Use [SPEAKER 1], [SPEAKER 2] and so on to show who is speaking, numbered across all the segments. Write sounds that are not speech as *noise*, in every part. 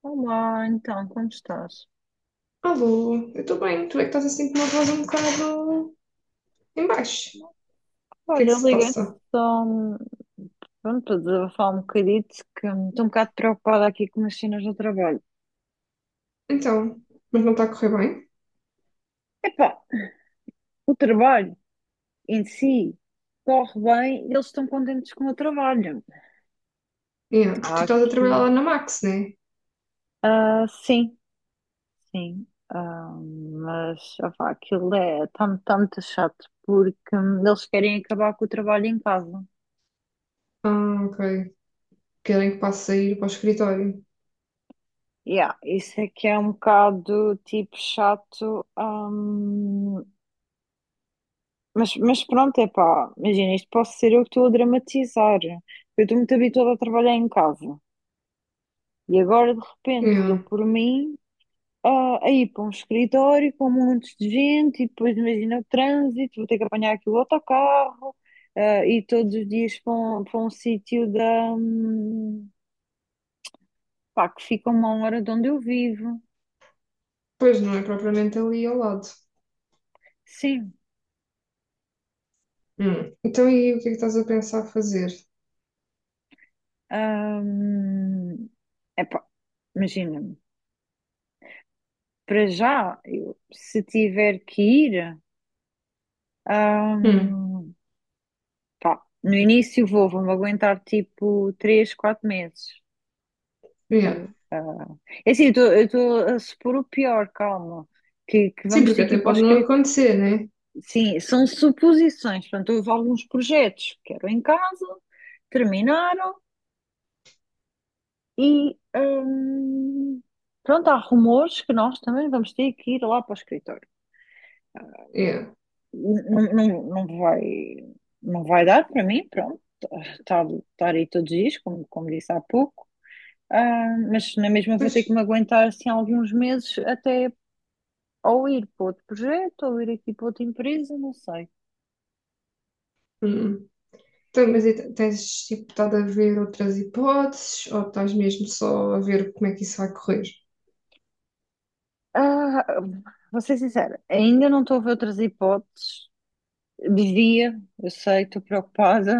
[SPEAKER 1] Olá, então, como estás?
[SPEAKER 2] Alô, eu estou bem. Tu é que estás assim com uma voz um bocado em baixo. O que é
[SPEAKER 1] Olha,
[SPEAKER 2] que
[SPEAKER 1] eu
[SPEAKER 2] se
[SPEAKER 1] liguei-te
[SPEAKER 2] passa?
[SPEAKER 1] só pronto, para desabafar um bocadito, que estou um bocado preocupada aqui com as cenas do trabalho.
[SPEAKER 2] Então, mas não está a correr bem?
[SPEAKER 1] Epá, o trabalho em si corre bem, eles estão contentes com o trabalho.
[SPEAKER 2] Yeah, porque tu
[SPEAKER 1] Há
[SPEAKER 2] estás a trabalhar
[SPEAKER 1] aqui,
[SPEAKER 2] lá na Max, né?
[SPEAKER 1] sim, sim, mas opá, aquilo é, está muito chato, porque eles querem acabar com o trabalho em casa.
[SPEAKER 2] Ah, ok. Querem que passe a ir para o escritório.
[SPEAKER 1] Yeah, isso é que é um bocado tipo chato. Mas pronto, é pá, imagina, isto posso ser eu que estou a dramatizar. Eu estou muito habituada a trabalhar em casa e agora de repente dou
[SPEAKER 2] Yeah.
[SPEAKER 1] por mim a ir para um escritório com montes de gente e depois imagina o trânsito, vou ter que apanhar aqui o autocarro e todos os dias para um sítio pá, que fica a 1 hora de onde eu vivo.
[SPEAKER 2] Pois não é propriamente ali ao lado.
[SPEAKER 1] Sim,
[SPEAKER 2] Hum. Então, e o que é que estás a pensar fazer?
[SPEAKER 1] hum, é pá, imagina, para já, eu, se tiver que ir.
[SPEAKER 2] Hum.
[SPEAKER 1] Ahm, pá, no início vou-me aguentar tipo 3 4 meses.
[SPEAKER 2] Yeah.
[SPEAKER 1] Ok? É assim, eu estou a supor o pior, calma, que
[SPEAKER 2] Sim,
[SPEAKER 1] vamos
[SPEAKER 2] porque
[SPEAKER 1] ter que ir
[SPEAKER 2] até
[SPEAKER 1] para o
[SPEAKER 2] pode não
[SPEAKER 1] escritório.
[SPEAKER 2] acontecer, né?
[SPEAKER 1] Sim, são suposições. Portanto, houve alguns projetos que eram em casa, terminaram e pronto, há rumores que nós também vamos ter que ir lá para o escritório.
[SPEAKER 2] Yeah.
[SPEAKER 1] Não, não, não vai dar para mim, pronto, estar aí todos os dias, como disse há pouco. Mas na mesma vou
[SPEAKER 2] Pois.
[SPEAKER 1] ter que me aguentar assim alguns meses, até ou ir para outro projeto, ou ir aqui para outra empresa, não sei.
[SPEAKER 2] Hum. Então, mas e tens tipo, estado a ver outras hipóteses ou estás mesmo só a ver como é que isso vai correr?
[SPEAKER 1] Ah, vou ser sincera, ainda não estou a ver outras hipóteses. Devia, eu sei, estou preocupada,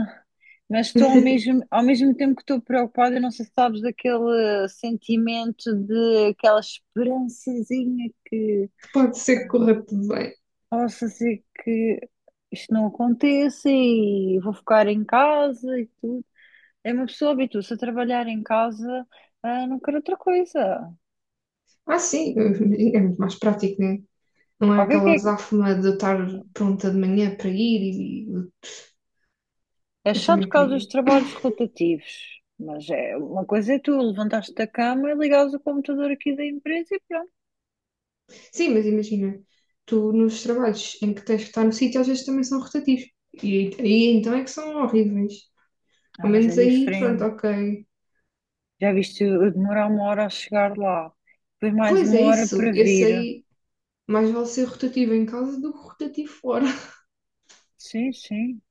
[SPEAKER 1] mas estou ao mesmo tempo que estou preocupada, não sei se sabes daquele sentimento, de aquela esperançazinha que
[SPEAKER 2] Pode ser que corra tudo bem.
[SPEAKER 1] possa ser que isto não aconteça e vou ficar em casa e tudo. É, uma pessoa habitua-se a trabalhar em casa, não quero outra coisa.
[SPEAKER 2] Ah, sim, *laughs* é muito mais prático, né? Não é
[SPEAKER 1] O que
[SPEAKER 2] aquela
[SPEAKER 1] é que
[SPEAKER 2] azáfama de eu estar pronta de manhã para ir e
[SPEAKER 1] é? É
[SPEAKER 2] eu
[SPEAKER 1] chato por
[SPEAKER 2] também
[SPEAKER 1] causa dos
[SPEAKER 2] queria.
[SPEAKER 1] trabalhos rotativos, mas é uma coisa, é tu levantaste da cama e ligares o computador aqui da empresa e pronto.
[SPEAKER 2] Sim, mas imagina, tu nos trabalhos em que tens que estar no sítio, às vezes também são rotativos. E aí então é que são horríveis. Ao
[SPEAKER 1] Mas é
[SPEAKER 2] menos aí, pronto,
[SPEAKER 1] diferente.
[SPEAKER 2] ok.
[SPEAKER 1] Já viste eu demorar 1 hora a chegar lá, depois mais
[SPEAKER 2] Pois é
[SPEAKER 1] 1 hora para
[SPEAKER 2] isso, esse
[SPEAKER 1] vir.
[SPEAKER 2] aí mais vale ser rotativo em casa do que rotativo fora. *laughs*
[SPEAKER 1] Sim, sim.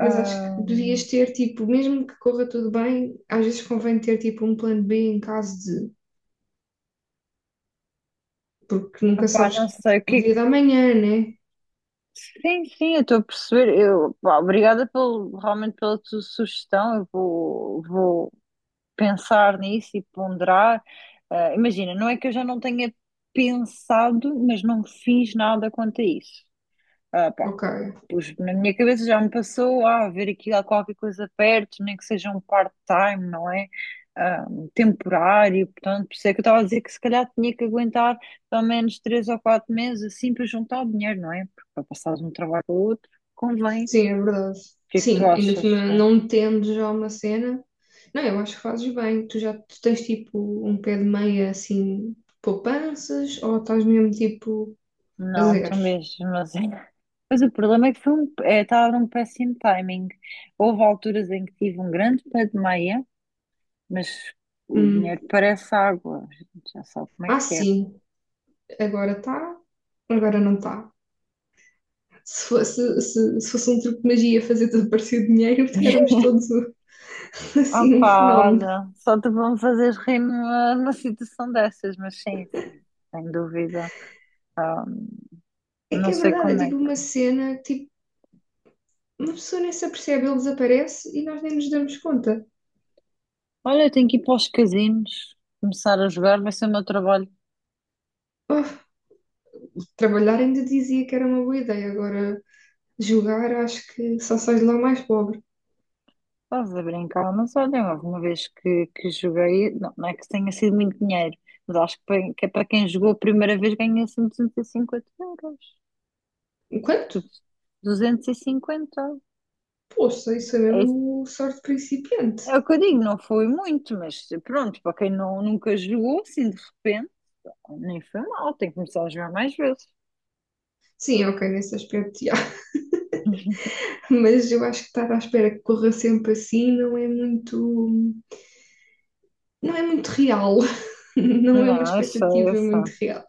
[SPEAKER 2] Mas acho que devias ter, tipo, mesmo que corra tudo bem, às vezes convém ter, tipo, um plano B em caso de porque nunca
[SPEAKER 1] opá,
[SPEAKER 2] sabes
[SPEAKER 1] não sei o
[SPEAKER 2] o
[SPEAKER 1] que.
[SPEAKER 2] dia da manhã, né?
[SPEAKER 1] Sim, sim, eu estou a perceber. Eu, pá, obrigada pelo, realmente pela tua sugestão. Eu vou pensar nisso e ponderar. Imagina, não é que eu já não tenha pensado, mas não fiz nada quanto a isso.
[SPEAKER 2] Ok,
[SPEAKER 1] Pus, na minha cabeça já me passou a ver aqui há qualquer coisa perto, nem que seja um part-time, não é? Ah, temporário, portanto, por isso é que eu estava a dizer que se calhar tinha que aguentar pelo menos 3 ou 4 meses assim, para juntar o dinheiro, não é? Porque para passar de um trabalho para o outro, convém. O
[SPEAKER 2] sim, é verdade.
[SPEAKER 1] que é que tu
[SPEAKER 2] Sim, ainda por
[SPEAKER 1] achas,
[SPEAKER 2] cima,
[SPEAKER 1] né?
[SPEAKER 2] não tendo já uma cena. Não, eu acho que fazes bem. Tu já tu tens tipo um pé de meia assim, poupanças, ou estás mesmo tipo a
[SPEAKER 1] Não, tu
[SPEAKER 2] zeros?
[SPEAKER 1] mesmo, mas *laughs* mas o problema é que foi um, é, estava num péssimo timing. Houve alturas em que tive um grande pé de meia, mas o
[SPEAKER 2] Hum.
[SPEAKER 1] dinheiro parece água, a gente já sabe como é
[SPEAKER 2] Ah,
[SPEAKER 1] que é.
[SPEAKER 2] sim, agora está, agora não está. Se fosse um truque de magia fazer desaparecer dinheiro, *laughs* éramos todos assim um
[SPEAKER 1] Pá,
[SPEAKER 2] fenómeno.
[SPEAKER 1] olha, só te vão fazer rir numa situação dessas, mas sim, sim, sem dúvida. Ah,
[SPEAKER 2] É que
[SPEAKER 1] não
[SPEAKER 2] é
[SPEAKER 1] sei
[SPEAKER 2] verdade, é
[SPEAKER 1] como é
[SPEAKER 2] tipo uma
[SPEAKER 1] que.
[SPEAKER 2] cena tipo, uma pessoa nem se apercebe, ele desaparece e nós nem nos damos conta.
[SPEAKER 1] Olha, eu tenho que ir para os casinos, começar a jogar, vai ser o meu trabalho.
[SPEAKER 2] Oh, trabalhar ainda dizia que era uma boa ideia, agora jogar acho que só sai de lá mais pobre.
[SPEAKER 1] Estás a brincar, mas olha, houve uma vez que joguei, não, não é que tenha sido muito dinheiro, mas acho que, que é, para quem jogou a primeira vez, ganha assim 250 euros.
[SPEAKER 2] Enquanto?
[SPEAKER 1] Tipo, 250.
[SPEAKER 2] Poxa, isso é
[SPEAKER 1] É,
[SPEAKER 2] mesmo sorte principiante.
[SPEAKER 1] é o que eu digo, não foi muito, mas pronto, para quem não, nunca jogou, assim de repente. Nem foi mal, tem que começar a jogar mais vezes.
[SPEAKER 2] Sim, ok, nesse aspecto, já.
[SPEAKER 1] *laughs*
[SPEAKER 2] *laughs* Mas eu acho que estar à espera que corra sempre assim não é muito. Não é muito real, *laughs* não é uma
[SPEAKER 1] Não, eu sei, eu
[SPEAKER 2] expectativa muito
[SPEAKER 1] sei.
[SPEAKER 2] real.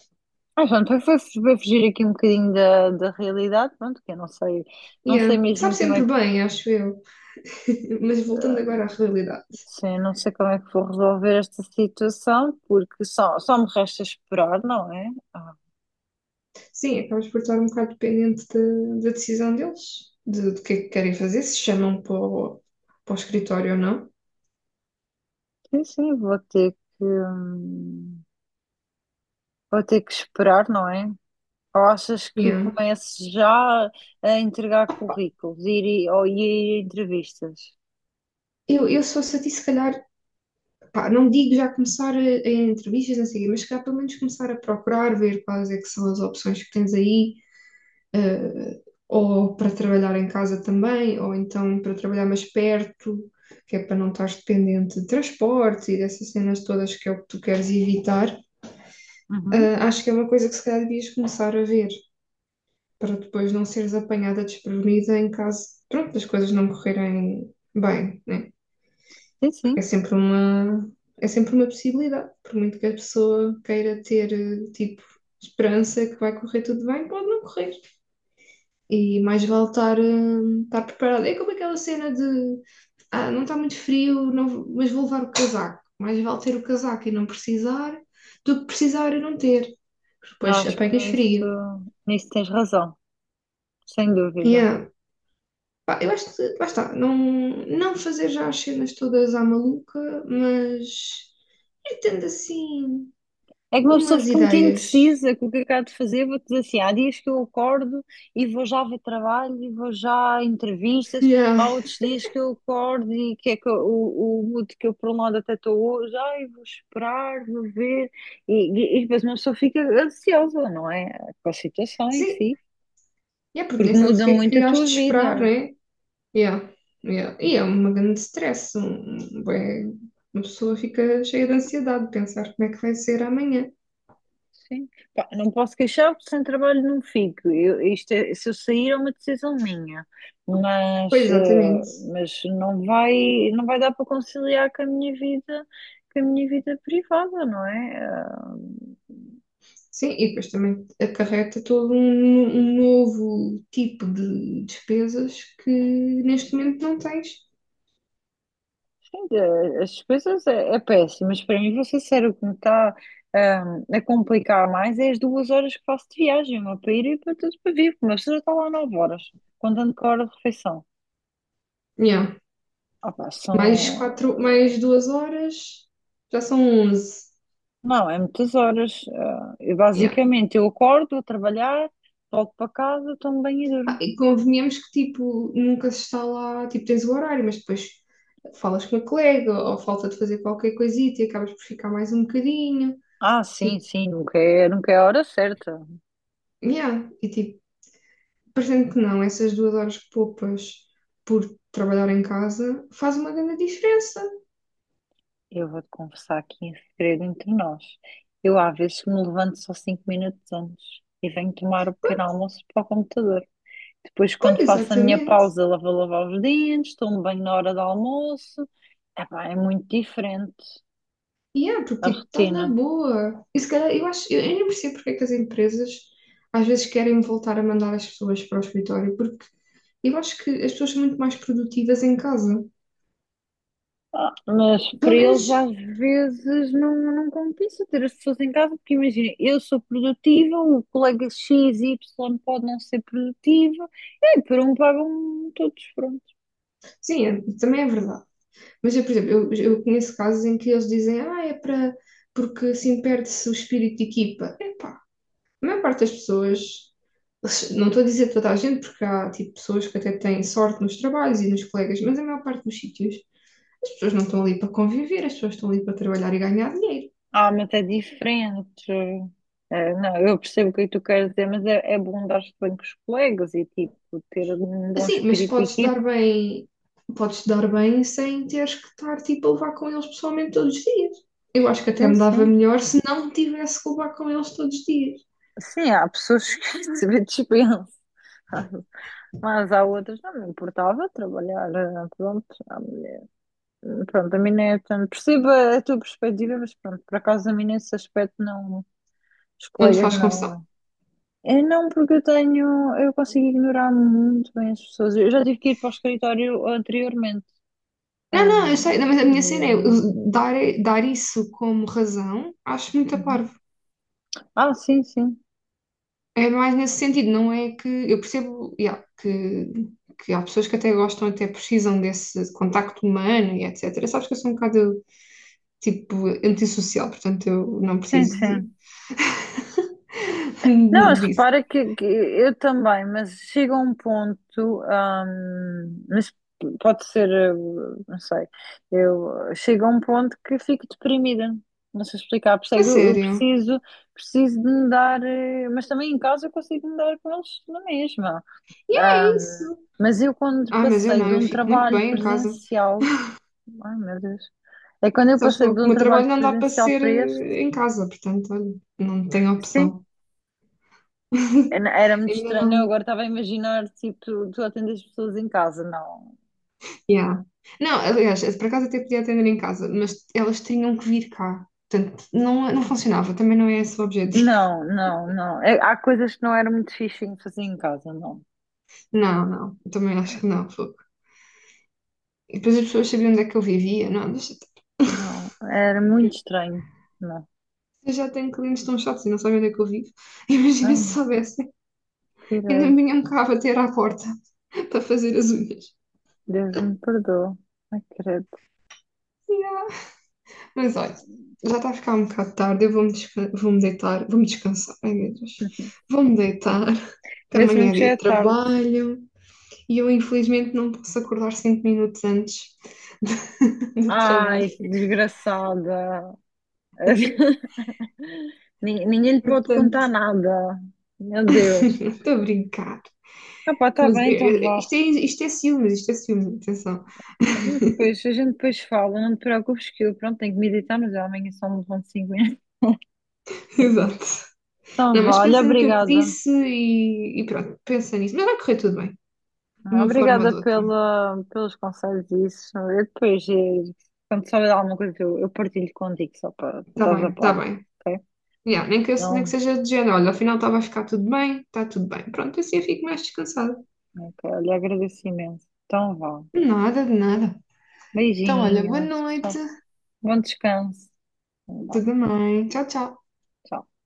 [SPEAKER 1] Pronto, foi fugir aqui um bocadinho da realidade, pronto, que eu não sei, não sei
[SPEAKER 2] Yeah.
[SPEAKER 1] mesmo
[SPEAKER 2] Sabe
[SPEAKER 1] como é
[SPEAKER 2] sempre
[SPEAKER 1] que,
[SPEAKER 2] bem, acho eu. *laughs* Mas voltando agora à realidade.
[SPEAKER 1] sim, não sei como é que vou resolver esta situação, porque só me resta esperar, não é?
[SPEAKER 2] Sim, acabas por estar um bocado dependente da decisão deles, do que é que querem fazer, se chamam para o escritório ou não.
[SPEAKER 1] Sim, sim, hum, vou ter que esperar, não é? Ou achas que
[SPEAKER 2] Yeah.
[SPEAKER 1] comece já a entregar currículos, ou ir a entrevistas?
[SPEAKER 2] Se fosse a ti, se calhar, pá, não digo já começar a entrevistas, não sei o quê, mas se calhar pelo menos começar a procurar, ver quais é que são as opções que tens aí, eh, ou para trabalhar em casa também, ou então para trabalhar mais perto, que é para não estar dependente de transportes e dessas cenas todas que é o que tu queres evitar.
[SPEAKER 1] Uhum.
[SPEAKER 2] Acho que é uma coisa que se calhar devias começar a ver. Para depois não seres apanhada desprevenida em caso, pronto, das coisas não correrem bem, né?
[SPEAKER 1] Sim,
[SPEAKER 2] Porque
[SPEAKER 1] sim.
[SPEAKER 2] é sempre uma possibilidade, por muito que a pessoa queira ter, tipo, esperança que vai correr tudo bem, pode não correr. E mais vale estar preparada. É como aquela cena de, ah, não está muito frio, não, mas vou levar o casaco. Mais vale ter o casaco e não precisar do que precisar e não ter.
[SPEAKER 1] Não,
[SPEAKER 2] Depois
[SPEAKER 1] acho que
[SPEAKER 2] apanhas
[SPEAKER 1] nisso,
[SPEAKER 2] frio.
[SPEAKER 1] nisso tens razão, sem dúvida.
[SPEAKER 2] Yeah. Pá, eu acho que, lá está, não, não fazer já as cenas todas à maluca, mas ir tendo assim
[SPEAKER 1] É que uma pessoa
[SPEAKER 2] umas
[SPEAKER 1] fica muito
[SPEAKER 2] ideias.
[SPEAKER 1] indecisa com o que acaba de fazer. Vou-te dizer assim: há dias que eu acordo e vou já ver trabalho e vou já a entrevistas. Há
[SPEAKER 2] Yeah.
[SPEAKER 1] outros dias que eu acordo e que é que o mood que eu, por um lado, até estou hoje. Ai, vou esperar, vou ver. E, e depois uma pessoa fica ansiosa, não é? Com a situação em
[SPEAKER 2] Sim,
[SPEAKER 1] si,
[SPEAKER 2] yeah, porque nem
[SPEAKER 1] porque
[SPEAKER 2] sabes o
[SPEAKER 1] muda
[SPEAKER 2] que é
[SPEAKER 1] muito
[SPEAKER 2] que
[SPEAKER 1] a
[SPEAKER 2] has
[SPEAKER 1] tua
[SPEAKER 2] de esperar,
[SPEAKER 1] vida.
[SPEAKER 2] né? Yeah. Yeah. E é uma grande stress. Um, bué- uma pessoa fica cheia de ansiedade de pensar como é que vai ser amanhã.
[SPEAKER 1] Sim. Pá, não posso queixar porque sem trabalho não fico. Eu, se eu sair é uma decisão minha,
[SPEAKER 2] Pois,
[SPEAKER 1] mas, eh,
[SPEAKER 2] exatamente.
[SPEAKER 1] mas não vai dar para conciliar com a minha vida, privada, não é?
[SPEAKER 2] Sim, e depois também acarreta todo um novo tipo de despesas que neste
[SPEAKER 1] Sim,
[SPEAKER 2] momento não tens.
[SPEAKER 1] sim, as despesas é, é péssimo, mas para mim, vou ser sincera, o que me está, ah, a complicar mais é as 2 horas que faço de viagem, uma para ir e para tudo para vir, porque uma pessoa já está lá 9 horas, contando com a hora de refeição.
[SPEAKER 2] Yeah.
[SPEAKER 1] Pá,
[SPEAKER 2] Mais
[SPEAKER 1] são.
[SPEAKER 2] quatro, mais 2 horas, já são 11.
[SPEAKER 1] Não, é muitas horas. Eu,
[SPEAKER 2] Yeah.
[SPEAKER 1] basicamente, eu acordo, vou trabalhar, volto para casa, tomo banho e
[SPEAKER 2] Ah,
[SPEAKER 1] durmo.
[SPEAKER 2] e convenhamos que, tipo, nunca se está lá, tipo, tens o horário, mas depois falas com a colega ou falta de fazer qualquer coisita e acabas por ficar mais um bocadinho.
[SPEAKER 1] Sim,
[SPEAKER 2] Tipo,
[SPEAKER 1] sim, nunca é, a hora certa.
[SPEAKER 2] yeah. E, tipo, parecendo que não, essas 2 horas que poupas por trabalhar em casa faz uma grande diferença.
[SPEAKER 1] Eu vou-te confessar aqui em segredo entre nós. Eu, às vezes, me levanto só 5 minutos antes e venho tomar o pequeno
[SPEAKER 2] Pois,
[SPEAKER 1] almoço para o computador. Depois,
[SPEAKER 2] pois,
[SPEAKER 1] quando faço a minha
[SPEAKER 2] exatamente.
[SPEAKER 1] pausa, lá vou lavar os dentes, tomo banho na hora do almoço. Epá, é muito diferente
[SPEAKER 2] E é porque
[SPEAKER 1] a
[SPEAKER 2] tipo, estás na
[SPEAKER 1] rotina.
[SPEAKER 2] boa. E se calhar, eu acho, eu nem percebo porque é que as empresas às vezes querem voltar a mandar as pessoas para o escritório, porque eu acho que as pessoas são muito mais produtivas em casa.
[SPEAKER 1] Mas
[SPEAKER 2] Pelo
[SPEAKER 1] para
[SPEAKER 2] menos,
[SPEAKER 1] eles às vezes não, compensa ter as pessoas em casa, porque imagina, eu sou produtiva, o colega X, Y pode não ser produtivo, e aí, por um pagam todos, pronto.
[SPEAKER 2] sim, é- também é verdade. Mas eu, por exemplo, eu conheço casos em que eles dizem, ah, é para, porque assim perde-se o espírito de equipa. Epá, a maior parte das pessoas, não estou a dizer toda a gente, porque há tipo, pessoas que até têm sorte nos trabalhos e nos colegas, mas a maior parte dos sítios, as pessoas não estão ali para conviver, as pessoas estão ali para trabalhar e ganhar dinheiro.
[SPEAKER 1] Mas é diferente. Não, eu percebo o que é que tu queres dizer, mas é bom dar-se bem com os colegas e tipo ter um bom
[SPEAKER 2] Assim, mas
[SPEAKER 1] espírito de
[SPEAKER 2] podes te dar
[SPEAKER 1] equipa.
[SPEAKER 2] bem, podes te dar bem sem teres que estar tipo, a levar com eles pessoalmente todos os dias. Eu acho que até
[SPEAKER 1] Sim,
[SPEAKER 2] me dava
[SPEAKER 1] sim.
[SPEAKER 2] melhor se não tivesse que levar com eles todos os dias.
[SPEAKER 1] Sim, há pessoas que *laughs* se dispensam. Mas há outras, não me importava trabalhar, pronto. Pronto, a mim não é tanto. Percebo a tua perspectiva, mas pronto, por acaso a mim nesse aspecto não. Os
[SPEAKER 2] Não te
[SPEAKER 1] colegas
[SPEAKER 2] faz confusão.
[SPEAKER 1] não. É não, porque eu tenho. Eu consigo ignorar muito bem as pessoas. Eu já tive que ir para o escritório anteriormente.
[SPEAKER 2] Não,
[SPEAKER 1] Ah,
[SPEAKER 2] não, eu sei, mas a minha cena é eu
[SPEAKER 1] e-
[SPEAKER 2] dar isso como razão, acho muito a
[SPEAKER 1] Uhum.
[SPEAKER 2] parvo.
[SPEAKER 1] Sim, sim.
[SPEAKER 2] É mais nesse sentido, não é que eu percebo, yeah, que há pessoas que até gostam, até precisam desse contacto humano e etc. Sabes que eu sou um bocado tipo antissocial, portanto eu não
[SPEAKER 1] Sim,
[SPEAKER 2] preciso
[SPEAKER 1] sim. Não, mas
[SPEAKER 2] *laughs* disso.
[SPEAKER 1] repara que eu também, mas chega um ponto, mas pode ser, não sei, eu chega um ponto que fico deprimida, não sei explicar,
[SPEAKER 2] A
[SPEAKER 1] percebe? Eu
[SPEAKER 2] sério,
[SPEAKER 1] preciso de me dar, mas também em casa eu consigo me dar com eles na mesma.
[SPEAKER 2] é isso.
[SPEAKER 1] Hum, mas eu quando
[SPEAKER 2] Ah, mas eu
[SPEAKER 1] passei
[SPEAKER 2] não,
[SPEAKER 1] de
[SPEAKER 2] eu
[SPEAKER 1] um
[SPEAKER 2] fico muito
[SPEAKER 1] trabalho
[SPEAKER 2] bem em casa.
[SPEAKER 1] presencial, ai meu Deus, é quando eu
[SPEAKER 2] Sabes que
[SPEAKER 1] passei
[SPEAKER 2] o
[SPEAKER 1] de um
[SPEAKER 2] meu
[SPEAKER 1] trabalho
[SPEAKER 2] trabalho não dá para
[SPEAKER 1] presencial
[SPEAKER 2] ser
[SPEAKER 1] para este.
[SPEAKER 2] eh, em casa, portanto, olha, não tenho
[SPEAKER 1] Sim.
[SPEAKER 2] opção.
[SPEAKER 1] Era
[SPEAKER 2] *laughs*
[SPEAKER 1] era muito
[SPEAKER 2] Ainda
[SPEAKER 1] estranho. Eu
[SPEAKER 2] não.
[SPEAKER 1] agora estava a imaginar, tipo, tu atendes pessoas em casa. Não,
[SPEAKER 2] Yeah. Não, aliás, por acaso até podia atender em casa, mas elas tinham que vir cá. Portanto, não, não funcionava, também não é esse o objetivo. *laughs*
[SPEAKER 1] não, não, não. Há coisas que não era muito fixe em fazer em casa, não.
[SPEAKER 2] Não, não, eu também acho que não. Fogo. E depois as pessoas sabiam onde é que eu vivia. Não, deixa estar.
[SPEAKER 1] Não,
[SPEAKER 2] *laughs*
[SPEAKER 1] era muito estranho. Não.
[SPEAKER 2] Eu já tenho clientes tão chatos e não sabem onde é que eu vivo. *laughs* Imagina
[SPEAKER 1] Ai,
[SPEAKER 2] se
[SPEAKER 1] não.
[SPEAKER 2] soubessem, ainda
[SPEAKER 1] Credo.
[SPEAKER 2] me vinham cá bater à porta *laughs* para fazer as unhas.
[SPEAKER 1] Deus me perdoa. Ai, credo.
[SPEAKER 2] Yeah. Mas olha, já está a ficar um bocado tarde, eu vou-me deitar, vou-me descansar. Ai meu Deus, vou-me deitar, *laughs* que
[SPEAKER 1] Vê-se mesmo
[SPEAKER 2] amanhã é
[SPEAKER 1] que já
[SPEAKER 2] dia
[SPEAKER 1] é
[SPEAKER 2] de
[SPEAKER 1] tarde.
[SPEAKER 2] trabalho. E eu, infelizmente, não posso acordar 5 minutos antes *laughs* do, trabalho.
[SPEAKER 1] Ai, desgraçada. *laughs* Ninguém lhe pode
[SPEAKER 2] Portanto,
[SPEAKER 1] contar nada. Meu Deus.
[SPEAKER 2] *laughs* estou a brincar.
[SPEAKER 1] Pá, tá
[SPEAKER 2] Mas
[SPEAKER 1] bem, então
[SPEAKER 2] eh,
[SPEAKER 1] vá.
[SPEAKER 2] isto é, isto é ciúmes, atenção.
[SPEAKER 1] A gente
[SPEAKER 2] *laughs*
[SPEAKER 1] depois, a gente depois fala, não te preocupes que eu, pronto, tenho que meditar, mas eu amanhã só me levanto cinco. *laughs*
[SPEAKER 2] Exato.
[SPEAKER 1] Então,
[SPEAKER 2] Não,
[SPEAKER 1] vá,
[SPEAKER 2] mas
[SPEAKER 1] olha,
[SPEAKER 2] pensa no que eu te
[SPEAKER 1] obrigada.
[SPEAKER 2] disse e pronto, pensa nisso. Mas vai correr tudo bem, de uma forma ou
[SPEAKER 1] Obrigada
[SPEAKER 2] de outra.
[SPEAKER 1] pelos conselhos e isso. Eu depois, quando souber de alguma coisa, eu partilho contigo, só para
[SPEAKER 2] Está
[SPEAKER 1] estás a
[SPEAKER 2] bem, está
[SPEAKER 1] par,
[SPEAKER 2] bem.
[SPEAKER 1] ok?
[SPEAKER 2] Yeah, nem que, nem que
[SPEAKER 1] Então,
[SPEAKER 2] seja de género, olha, afinal está, vai ficar tudo bem, está tudo bem. Pronto, assim eu fico mais descansada.
[SPEAKER 1] ok, olha, agradeço imenso. Então, vá.
[SPEAKER 2] Nada, de nada. Então, olha, boa
[SPEAKER 1] Beijinhos,
[SPEAKER 2] noite.
[SPEAKER 1] tchau. Bom descanso. Vá,
[SPEAKER 2] Tudo bem. Tchau, tchau.
[SPEAKER 1] tchau.